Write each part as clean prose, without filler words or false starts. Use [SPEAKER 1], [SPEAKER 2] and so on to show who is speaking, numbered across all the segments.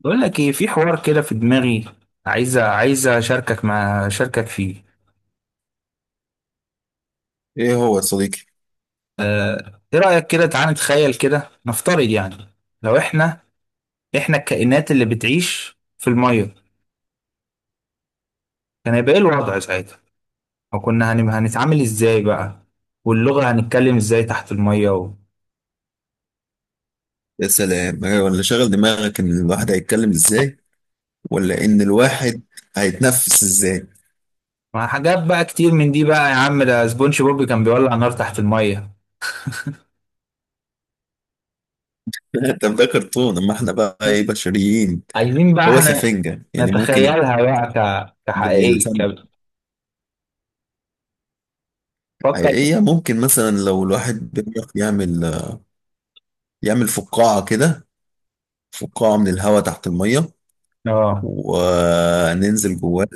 [SPEAKER 1] بقول لك ايه، في حوار كده في دماغي. عايزه اشاركك مع اشاركك فيه.
[SPEAKER 2] ايه هو يا صديقي؟
[SPEAKER 1] آه، ايه رايك كده، تعالى نتخيل كده، نفترض يعني. لو احنا، الكائنات اللي بتعيش في الميه، كان هيبقى ايه الوضع ساعتها؟ او كنا هنتعامل ازاي بقى؟ واللغه هنتكلم ازاي تحت الميه
[SPEAKER 2] يا سلام، أيوة، ولا شغل دماغك ان الواحد هيتكلم ازاي ولا ان الواحد هيتنفس ازاي.
[SPEAKER 1] مع حاجات بقى كتير من دي بقى. يا عم، ده سبونج بوب كان بيولع نار تحت الميه.
[SPEAKER 2] طب ده كرتون، اما احنا بقى ايه؟ بشريين.
[SPEAKER 1] عايزين بقى
[SPEAKER 2] هو
[SPEAKER 1] احنا
[SPEAKER 2] سفنجة، يعني ممكن
[SPEAKER 1] نتخيلها بقى
[SPEAKER 2] زي
[SPEAKER 1] كحقيقيه
[SPEAKER 2] السمك.
[SPEAKER 1] كده. فكر.
[SPEAKER 2] حقيقية ممكن مثلا لو الواحد بيعرف يعمل فقاعة كده. فقاعة من الهواء تحت المية
[SPEAKER 1] اه.
[SPEAKER 2] وننزل جواها،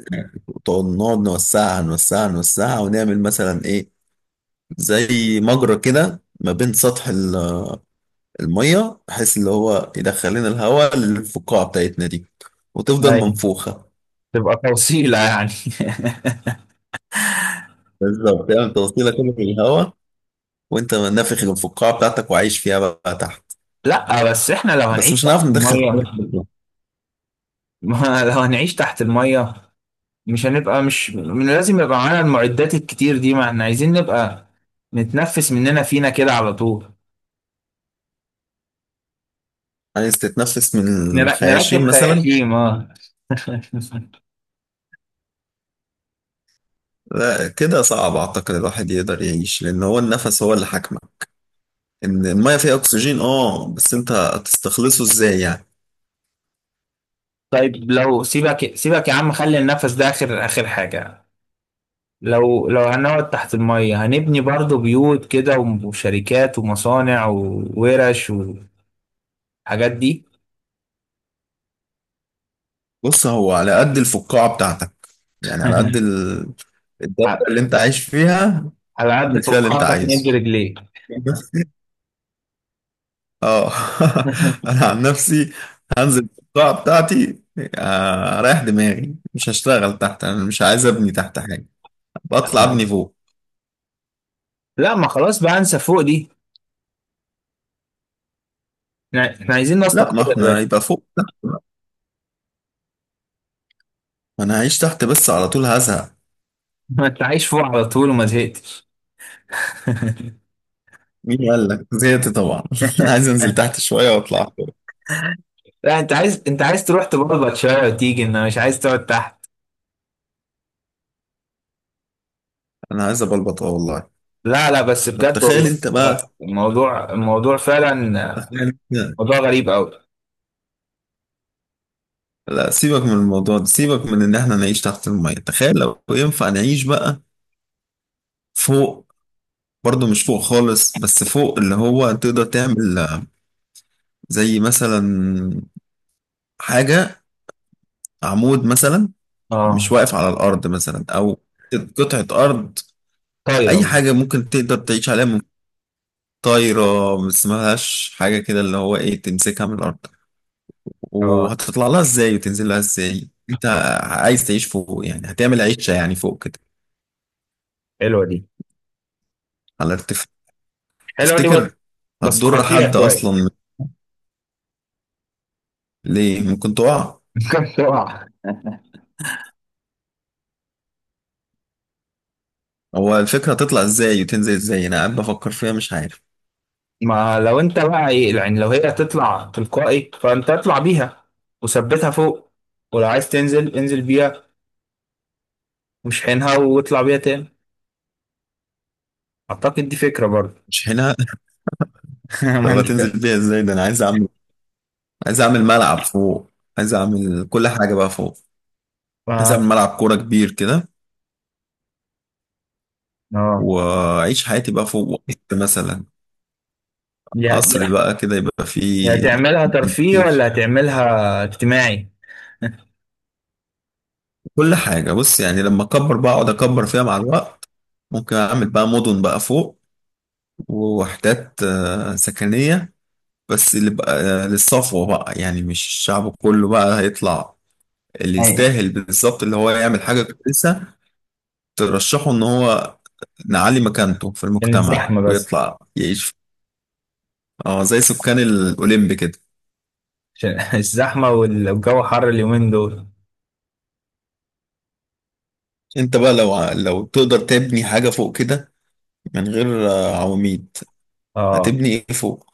[SPEAKER 2] نقعد نوسعها نوسعها نوسعها ونعمل مثلا ايه، زي مجرى كده ما بين سطح المية، بحيث اللي هو يدخل لنا الهواء للفقاعة بتاعتنا دي وتفضل
[SPEAKER 1] أيوة.
[SPEAKER 2] منفوخة.
[SPEAKER 1] تبقى توصيلة يعني.
[SPEAKER 2] بالظبط، تعمل توصيلة كده في الهواء وانت نافخ الفقاعة بتاعتك وعايش فيها بقى تحت.
[SPEAKER 1] لا بس احنا لو
[SPEAKER 2] بس
[SPEAKER 1] هنعيش
[SPEAKER 2] مش
[SPEAKER 1] تحت
[SPEAKER 2] هنعرف ندخل هواء
[SPEAKER 1] المية،
[SPEAKER 2] بره.
[SPEAKER 1] ما لو هنعيش تحت المية مش هنبقى، مش من لازم يبقى معانا المعدات الكتير دي، ما احنا عايزين نبقى نتنفس مننا فينا كده على طول.
[SPEAKER 2] عايز تتنفس من
[SPEAKER 1] نركب
[SPEAKER 2] الخياشيم مثلا؟
[SPEAKER 1] خياشيم، اه.
[SPEAKER 2] لا كده صعب، اعتقد الواحد يقدر يعيش لان هو النفس هو اللي حاكمه. ان الميه فيها اكسجين اه، بس انت هتستخلصه ازاي يعني؟
[SPEAKER 1] طيب لو سيبك، سيبك يا عم، خلي النفس ده اخر حاجة. لو هنقعد تحت المية، هنبني برضو بيوت كده وشركات ومصانع وورش والحاجات دي.
[SPEAKER 2] بص، هو على قد الفقاعه بتاعتك، يعني على قد الدايره اللي انت عايش فيها،
[SPEAKER 1] على قد
[SPEAKER 2] المثال اللي انت
[SPEAKER 1] فقاعتك نجي
[SPEAKER 2] عايزه.
[SPEAKER 1] رجليك.
[SPEAKER 2] بس. اه. انا عن نفسي هنزل القاعه بتاعتي. اريح دماغي، مش هشتغل تحت، انا مش عايز ابني تحت حاجه، بطلع ابني فوق.
[SPEAKER 1] لا ما خلاص بقى، انسى فوق دي. احنا عايزين
[SPEAKER 2] لا،
[SPEAKER 1] نسطق
[SPEAKER 2] ما
[SPEAKER 1] كده يا
[SPEAKER 2] احنا
[SPEAKER 1] باشا.
[SPEAKER 2] يبقى فوق تحت بقى. ما انا هعيش تحت بس على طول هزهق.
[SPEAKER 1] ما انت عايش فوق على طول وما زهقتش.
[SPEAKER 2] مين قال لك زهقت؟ طبعا عايز انزل تحت شويه واطلع فوق.
[SPEAKER 1] لا انت عايز، تروح تبلبط شويه وتيجي، انه مش عايز تقعد تحت.
[SPEAKER 2] انا عايز ابلبط اه والله.
[SPEAKER 1] لا لا بس
[SPEAKER 2] طب
[SPEAKER 1] بجد والله، آه، الموضوع فعلا آه،
[SPEAKER 2] تخيل انت.
[SPEAKER 1] موضوع غريب قوي.
[SPEAKER 2] لا، سيبك من الموضوع ده، سيبك من ان احنا نعيش تحت الميه، تخيل لو ينفع نعيش بقى فوق، برضه مش فوق خالص، بس فوق اللي هو تقدر تعمل زي مثلا حاجة، عمود مثلا مش
[SPEAKER 1] اه.
[SPEAKER 2] واقف على الأرض، مثلا أو قطعة أرض، أي
[SPEAKER 1] طايره.
[SPEAKER 2] حاجة ممكن تقدر تعيش عليها. من طايرة، ما اسمهاش حاجة كده، اللي هو إيه، تمسكها من الأرض
[SPEAKER 1] اه.
[SPEAKER 2] وهتطلع لها إزاي وتنزل لها إزاي. أنت عايز تعيش فوق، يعني هتعمل عيشة يعني فوق كده،
[SPEAKER 1] حلوه دي،
[SPEAKER 2] على ارتفاع.
[SPEAKER 1] بس،
[SPEAKER 2] تفتكر
[SPEAKER 1] بس
[SPEAKER 2] هتضر
[SPEAKER 1] خطيره
[SPEAKER 2] حد
[SPEAKER 1] شويه.
[SPEAKER 2] أصلا؟ ليه؟ ممكن تقع.
[SPEAKER 1] ممكن تقع.
[SPEAKER 2] هو الفكرة تطلع ازاي وتنزل ازاي، انا قاعد بفكر فيها مش عارف.
[SPEAKER 1] ما لو انت بقى ايه يعني، لو هي تطلع تلقائي فانت اطلع بيها وثبتها فوق، ولو عايز تنزل انزل بيها ومش حينها واطلع بيها تاني. اعتقد دي فكرة برضه.
[SPEAKER 2] مش هنا.
[SPEAKER 1] ما
[SPEAKER 2] طب هتنزل
[SPEAKER 1] انت،
[SPEAKER 2] بيها ازاي؟ ده انا عايز اعمل ملعب فوق، عايز اعمل كل حاجة بقى فوق، عايز
[SPEAKER 1] ما
[SPEAKER 2] اعمل ملعب كورة كبير كده،
[SPEAKER 1] اه.
[SPEAKER 2] واعيش حياتي بقى فوق. وقت مثلا
[SPEAKER 1] يا-
[SPEAKER 2] قصر بقى كده يبقى
[SPEAKER 1] يا
[SPEAKER 2] فيه
[SPEAKER 1] هتعملها ترفيه
[SPEAKER 2] كتير،
[SPEAKER 1] ولا هتعملها اجتماعي؟
[SPEAKER 2] كل حاجة. بص يعني لما اكبر بقى، اقعد اكبر فيها مع الوقت ممكن اعمل بقى مدن بقى فوق ووحدات سكنية، بس اللي بقى للصفوة بقى، يعني مش الشعب كله بقى هيطلع، اللي
[SPEAKER 1] أيوة.
[SPEAKER 2] يستاهل بالظبط، اللي هو يعمل حاجة كويسة ترشحه إن هو نعلي مكانته في
[SPEAKER 1] عشان
[SPEAKER 2] المجتمع
[SPEAKER 1] الزحمة بس،
[SPEAKER 2] ويطلع يعيش، اه زي سكان الأوليمب كده.
[SPEAKER 1] عشان الزحمة والجو حر اليومين دول.
[SPEAKER 2] أنت بقى لو تقدر تبني حاجة فوق كده من غير عواميد،
[SPEAKER 1] اه
[SPEAKER 2] هتبني إيه فوق؟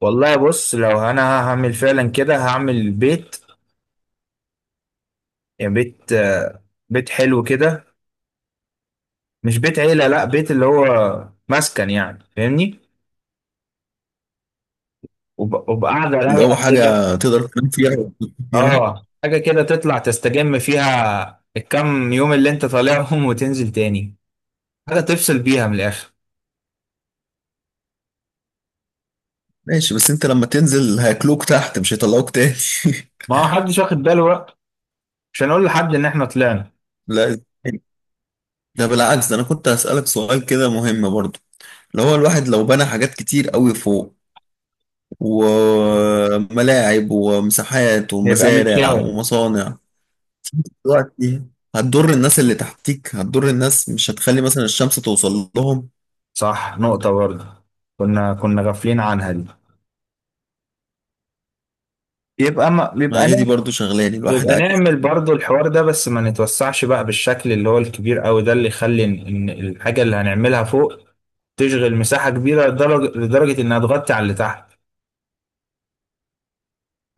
[SPEAKER 1] والله، بص لو انا هعمل فعلا كده، هعمل بيت. يعني بيت آه، بيت حلو كده، مش بيت عيلة، لا بيت اللي هو مسكن يعني، فاهمني؟ وبقعدة
[SPEAKER 2] اللي هو
[SPEAKER 1] رايقة كده.
[SPEAKER 2] حاجة تقدر تنام فيها وتنام فيها.
[SPEAKER 1] اه، حاجة كده تطلع تستجم فيها الكام يوم اللي انت طالعهم. وتنزل تاني، حاجة تفصل بيها من الآخر.
[SPEAKER 2] ماشي، بس أنت لما تنزل هياكلوك تحت، مش هيطلعوك تاني.
[SPEAKER 1] ما هو حدش واخد باله بقى، مش هنقول لحد ان احنا طلعنا،
[SPEAKER 2] لا، ده بالعكس، ده أنا كنت هسألك سؤال كده مهم برضه، اللي هو الواحد لو بنى حاجات كتير قوي فوق وملاعب ومساحات
[SPEAKER 1] يبقى
[SPEAKER 2] ومزارع
[SPEAKER 1] متشاف.
[SPEAKER 2] ومصانع دلوقتي هتضر الناس اللي تحتيك، هتضر الناس، مش هتخلي مثلا الشمس توصل لهم.
[SPEAKER 1] صح، نقطة برضه، كنا غافلين عنها دي. يبقى ما
[SPEAKER 2] ما
[SPEAKER 1] بيبقى،
[SPEAKER 2] هي دي برضو شغلاني، الواحد
[SPEAKER 1] يبقى
[SPEAKER 2] عايز
[SPEAKER 1] نعمل برضو الحوار ده بس ما نتوسعش بقى بالشكل اللي هو الكبير قوي ده، اللي يخلي ان إن الحاجة اللي هنعملها فوق تشغل مساحة كبيرة، لدرجة انها تغطي على اللي تحت.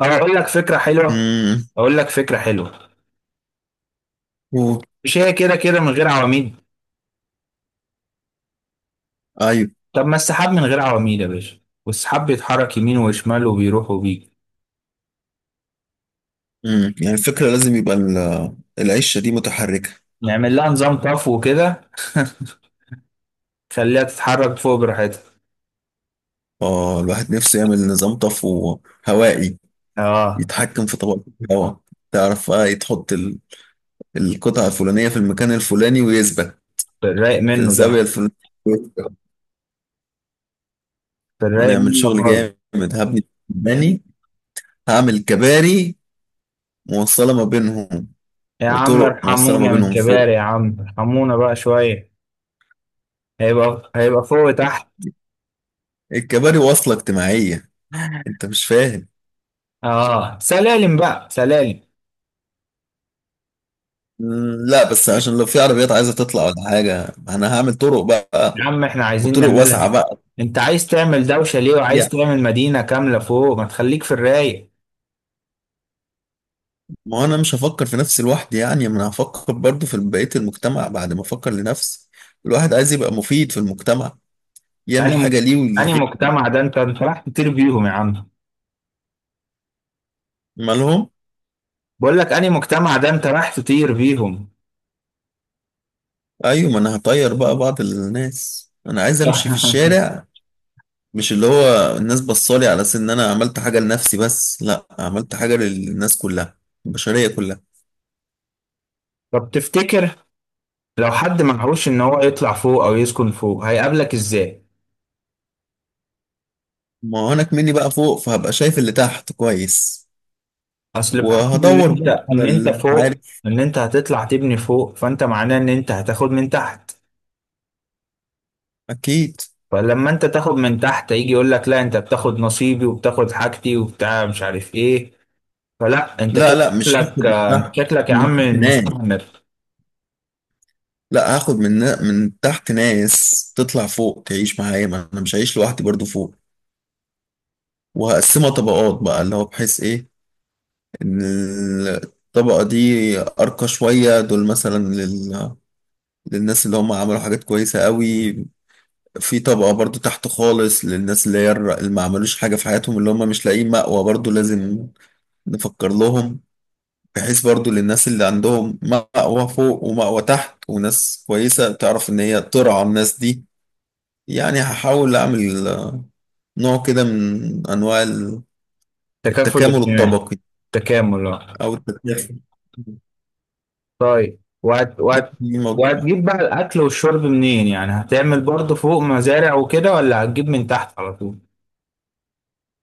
[SPEAKER 1] او اقول لك فكرة حلوة،
[SPEAKER 2] امم
[SPEAKER 1] اقول لك فكرة حلوة
[SPEAKER 2] و-
[SPEAKER 1] مش هي كده كده من غير عواميد؟
[SPEAKER 2] ايوه.
[SPEAKER 1] طب ما السحاب من غير عواميد يا باشا، والسحاب بيتحرك يمين وشمال وبيروح وبيجي.
[SPEAKER 2] يعني الفكرة لازم يبقى العيشة دي متحركة.
[SPEAKER 1] نعمل لها نظام طفو وكده. خليها تتحرك فوق براحتها.
[SPEAKER 2] اه، الواحد نفسه يعمل نظام طفو هوائي
[SPEAKER 1] اه.
[SPEAKER 2] يتحكم في طبقة الهواء، تعرف، تحط القطعة الفلانية في المكان الفلاني ويثبت
[SPEAKER 1] في الرايق
[SPEAKER 2] في
[SPEAKER 1] منه
[SPEAKER 2] الزاوية
[SPEAKER 1] ده،
[SPEAKER 2] الفلانية.
[SPEAKER 1] في الرايق
[SPEAKER 2] هنعمل
[SPEAKER 1] منه
[SPEAKER 2] شغل
[SPEAKER 1] خالص.
[SPEAKER 2] جامد، هبني، هعمل كباري موصلة ما بينهم
[SPEAKER 1] يا عم
[SPEAKER 2] وطرق موصلة ما
[SPEAKER 1] ارحمونا من
[SPEAKER 2] بينهم
[SPEAKER 1] الكبار،
[SPEAKER 2] فوق،
[SPEAKER 1] يا عم ارحمونا بقى شوية. هيبقى فوق تحت.
[SPEAKER 2] الكباري واصلة اجتماعية. انت مش فاهم.
[SPEAKER 1] اه سلالم بقى، سلالم.
[SPEAKER 2] مم، لا، بس عشان لو في عربيات عايزة تطلع ولا حاجة انا هعمل طرق
[SPEAKER 1] يا
[SPEAKER 2] بقى،
[SPEAKER 1] عم احنا عايزين
[SPEAKER 2] وطرق
[SPEAKER 1] نعملها،
[SPEAKER 2] واسعة بقى،
[SPEAKER 1] انت عايز تعمل دوشة ليه وعايز
[SPEAKER 2] يعني
[SPEAKER 1] تعمل مدينة كاملة فوق؟ ما تخليك في الرايق.
[SPEAKER 2] ما هو انا مش هفكر في نفسي لوحدي، يعني ما انا هفكر برضو في بقية المجتمع بعد ما افكر لنفسي. الواحد عايز يبقى مفيد في المجتمع، يعمل
[SPEAKER 1] اني
[SPEAKER 2] حاجة
[SPEAKER 1] مك...
[SPEAKER 2] ليه
[SPEAKER 1] اني
[SPEAKER 2] ولغيره.
[SPEAKER 1] مجتمع ده انت، راح تطير بيهم يا عم.
[SPEAKER 2] مالهم؟
[SPEAKER 1] بقول لك اني مجتمع ده انت راح تطير بيهم.
[SPEAKER 2] ايوه، ما انا هطير بقى بعض الناس، انا عايز امشي في الشارع، مش اللي هو الناس بصالي على اساس ان انا عملت حاجه لنفسي بس، لا عملت حاجه للناس كلها، البشريه كلها.
[SPEAKER 1] طب تفتكر لو حد معهوش ان هو يطلع فوق او يسكن فوق، هيقابلك ازاي؟
[SPEAKER 2] ما هو انا كمني بقى فوق فهبقى شايف اللي تحت كويس،
[SPEAKER 1] اصل بحكم ان
[SPEAKER 2] وهدور
[SPEAKER 1] انت،
[SPEAKER 2] بقى على اللي مش
[SPEAKER 1] فوق،
[SPEAKER 2] عارف.
[SPEAKER 1] ان انت هتطلع تبني فوق، فانت معناه ان انت هتاخد من تحت.
[SPEAKER 2] اكيد.
[SPEAKER 1] فلما انت تاخد من تحت، يجي يقول لك لا انت بتاخد نصيبي وبتاخد حاجتي وبتاع مش عارف ايه. فلا، انت
[SPEAKER 2] لا،
[SPEAKER 1] كده
[SPEAKER 2] لا، مش هاخد
[SPEAKER 1] شكلك
[SPEAKER 2] من
[SPEAKER 1] آه، انت
[SPEAKER 2] تحت،
[SPEAKER 1] شكلك يا
[SPEAKER 2] من
[SPEAKER 1] عم
[SPEAKER 2] تحت ناس.
[SPEAKER 1] مستعمر.
[SPEAKER 2] لا، هاخد من، من تحت ناس تطلع فوق تعيش معايا، ما انا مش هعيش لوحدي برضو فوق، وهقسمها طبقات بقى اللي هو بحيث ايه. الطبقة دي أرقى شوية، دول مثلا للناس اللي هم عملوا حاجات كويسة قوي. في طبقة برضو تحت خالص للناس اللي هي اللي ما عملوش حاجة في حياتهم، اللي هم مش لاقيين مأوى برضو لازم نفكر لهم، بحيث برضو للناس اللي عندهم مأوى فوق ومأوى تحت وناس كويسة تعرف إن هي ترعى الناس دي. يعني هحاول أعمل نوع كده من أنواع
[SPEAKER 1] تكافل
[SPEAKER 2] التكامل
[SPEAKER 1] اجتماعي.
[SPEAKER 2] الطبقي،
[SPEAKER 1] تكامل آه.
[SPEAKER 2] أو التكافل.
[SPEAKER 1] طيب وهتجيب بقى الاكل والشرب منين؟ يعني هتعمل برضه فوق مزارع وكده ولا هتجيب من تحت على طول؟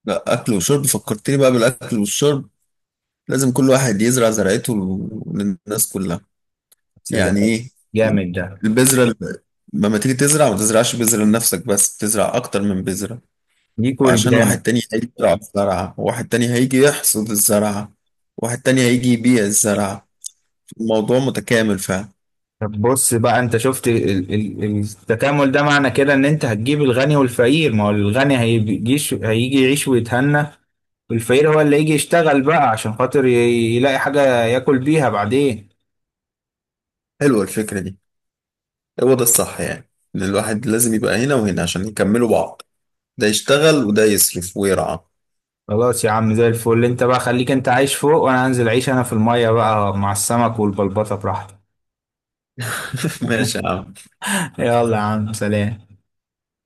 [SPEAKER 2] لا، اكل وشرب فكرتني بقى بالاكل والشرب، لازم كل واحد يزرع زرعته للناس كلها. يعني
[SPEAKER 1] سلام.
[SPEAKER 2] ايه؟
[SPEAKER 1] جامد ده.
[SPEAKER 2] البذره لما تيجي تزرع ما تزرعش بذره لنفسك بس، تزرع اكتر من بذره،
[SPEAKER 1] ليك
[SPEAKER 2] عشان واحد
[SPEAKER 1] ولجيرانك.
[SPEAKER 2] تاني هيجي يزرع الزرعه، واحد تاني هيجي يحصد الزرعه، واحد تاني هيجي يبيع الزرعه. الموضوع متكامل فعلا.
[SPEAKER 1] طب بص بقى، انت شفت التكامل ده، معنى كده ان انت هتجيب الغني والفقير. ما هو الغني هيجيش هيجي يعيش ويتهنى، والفقير هو اللي يجي يشتغل بقى عشان خاطر يلاقي حاجة ياكل بيها بعدين.
[SPEAKER 2] حلوه الفكره دي. هو ده الصح، يعني ان الواحد لازم يبقى هنا وهنا عشان يكملوا بعض، ده يشتغل وده يصرف ويرعى.
[SPEAKER 1] خلاص يا عم، زي الفل. انت بقى خليك انت عايش فوق، وانا هنزل اعيش انا في المية بقى مع السمك والبلبطة براحتي.
[SPEAKER 2] ماشي يا عم.
[SPEAKER 1] يلا يا عم، سلام.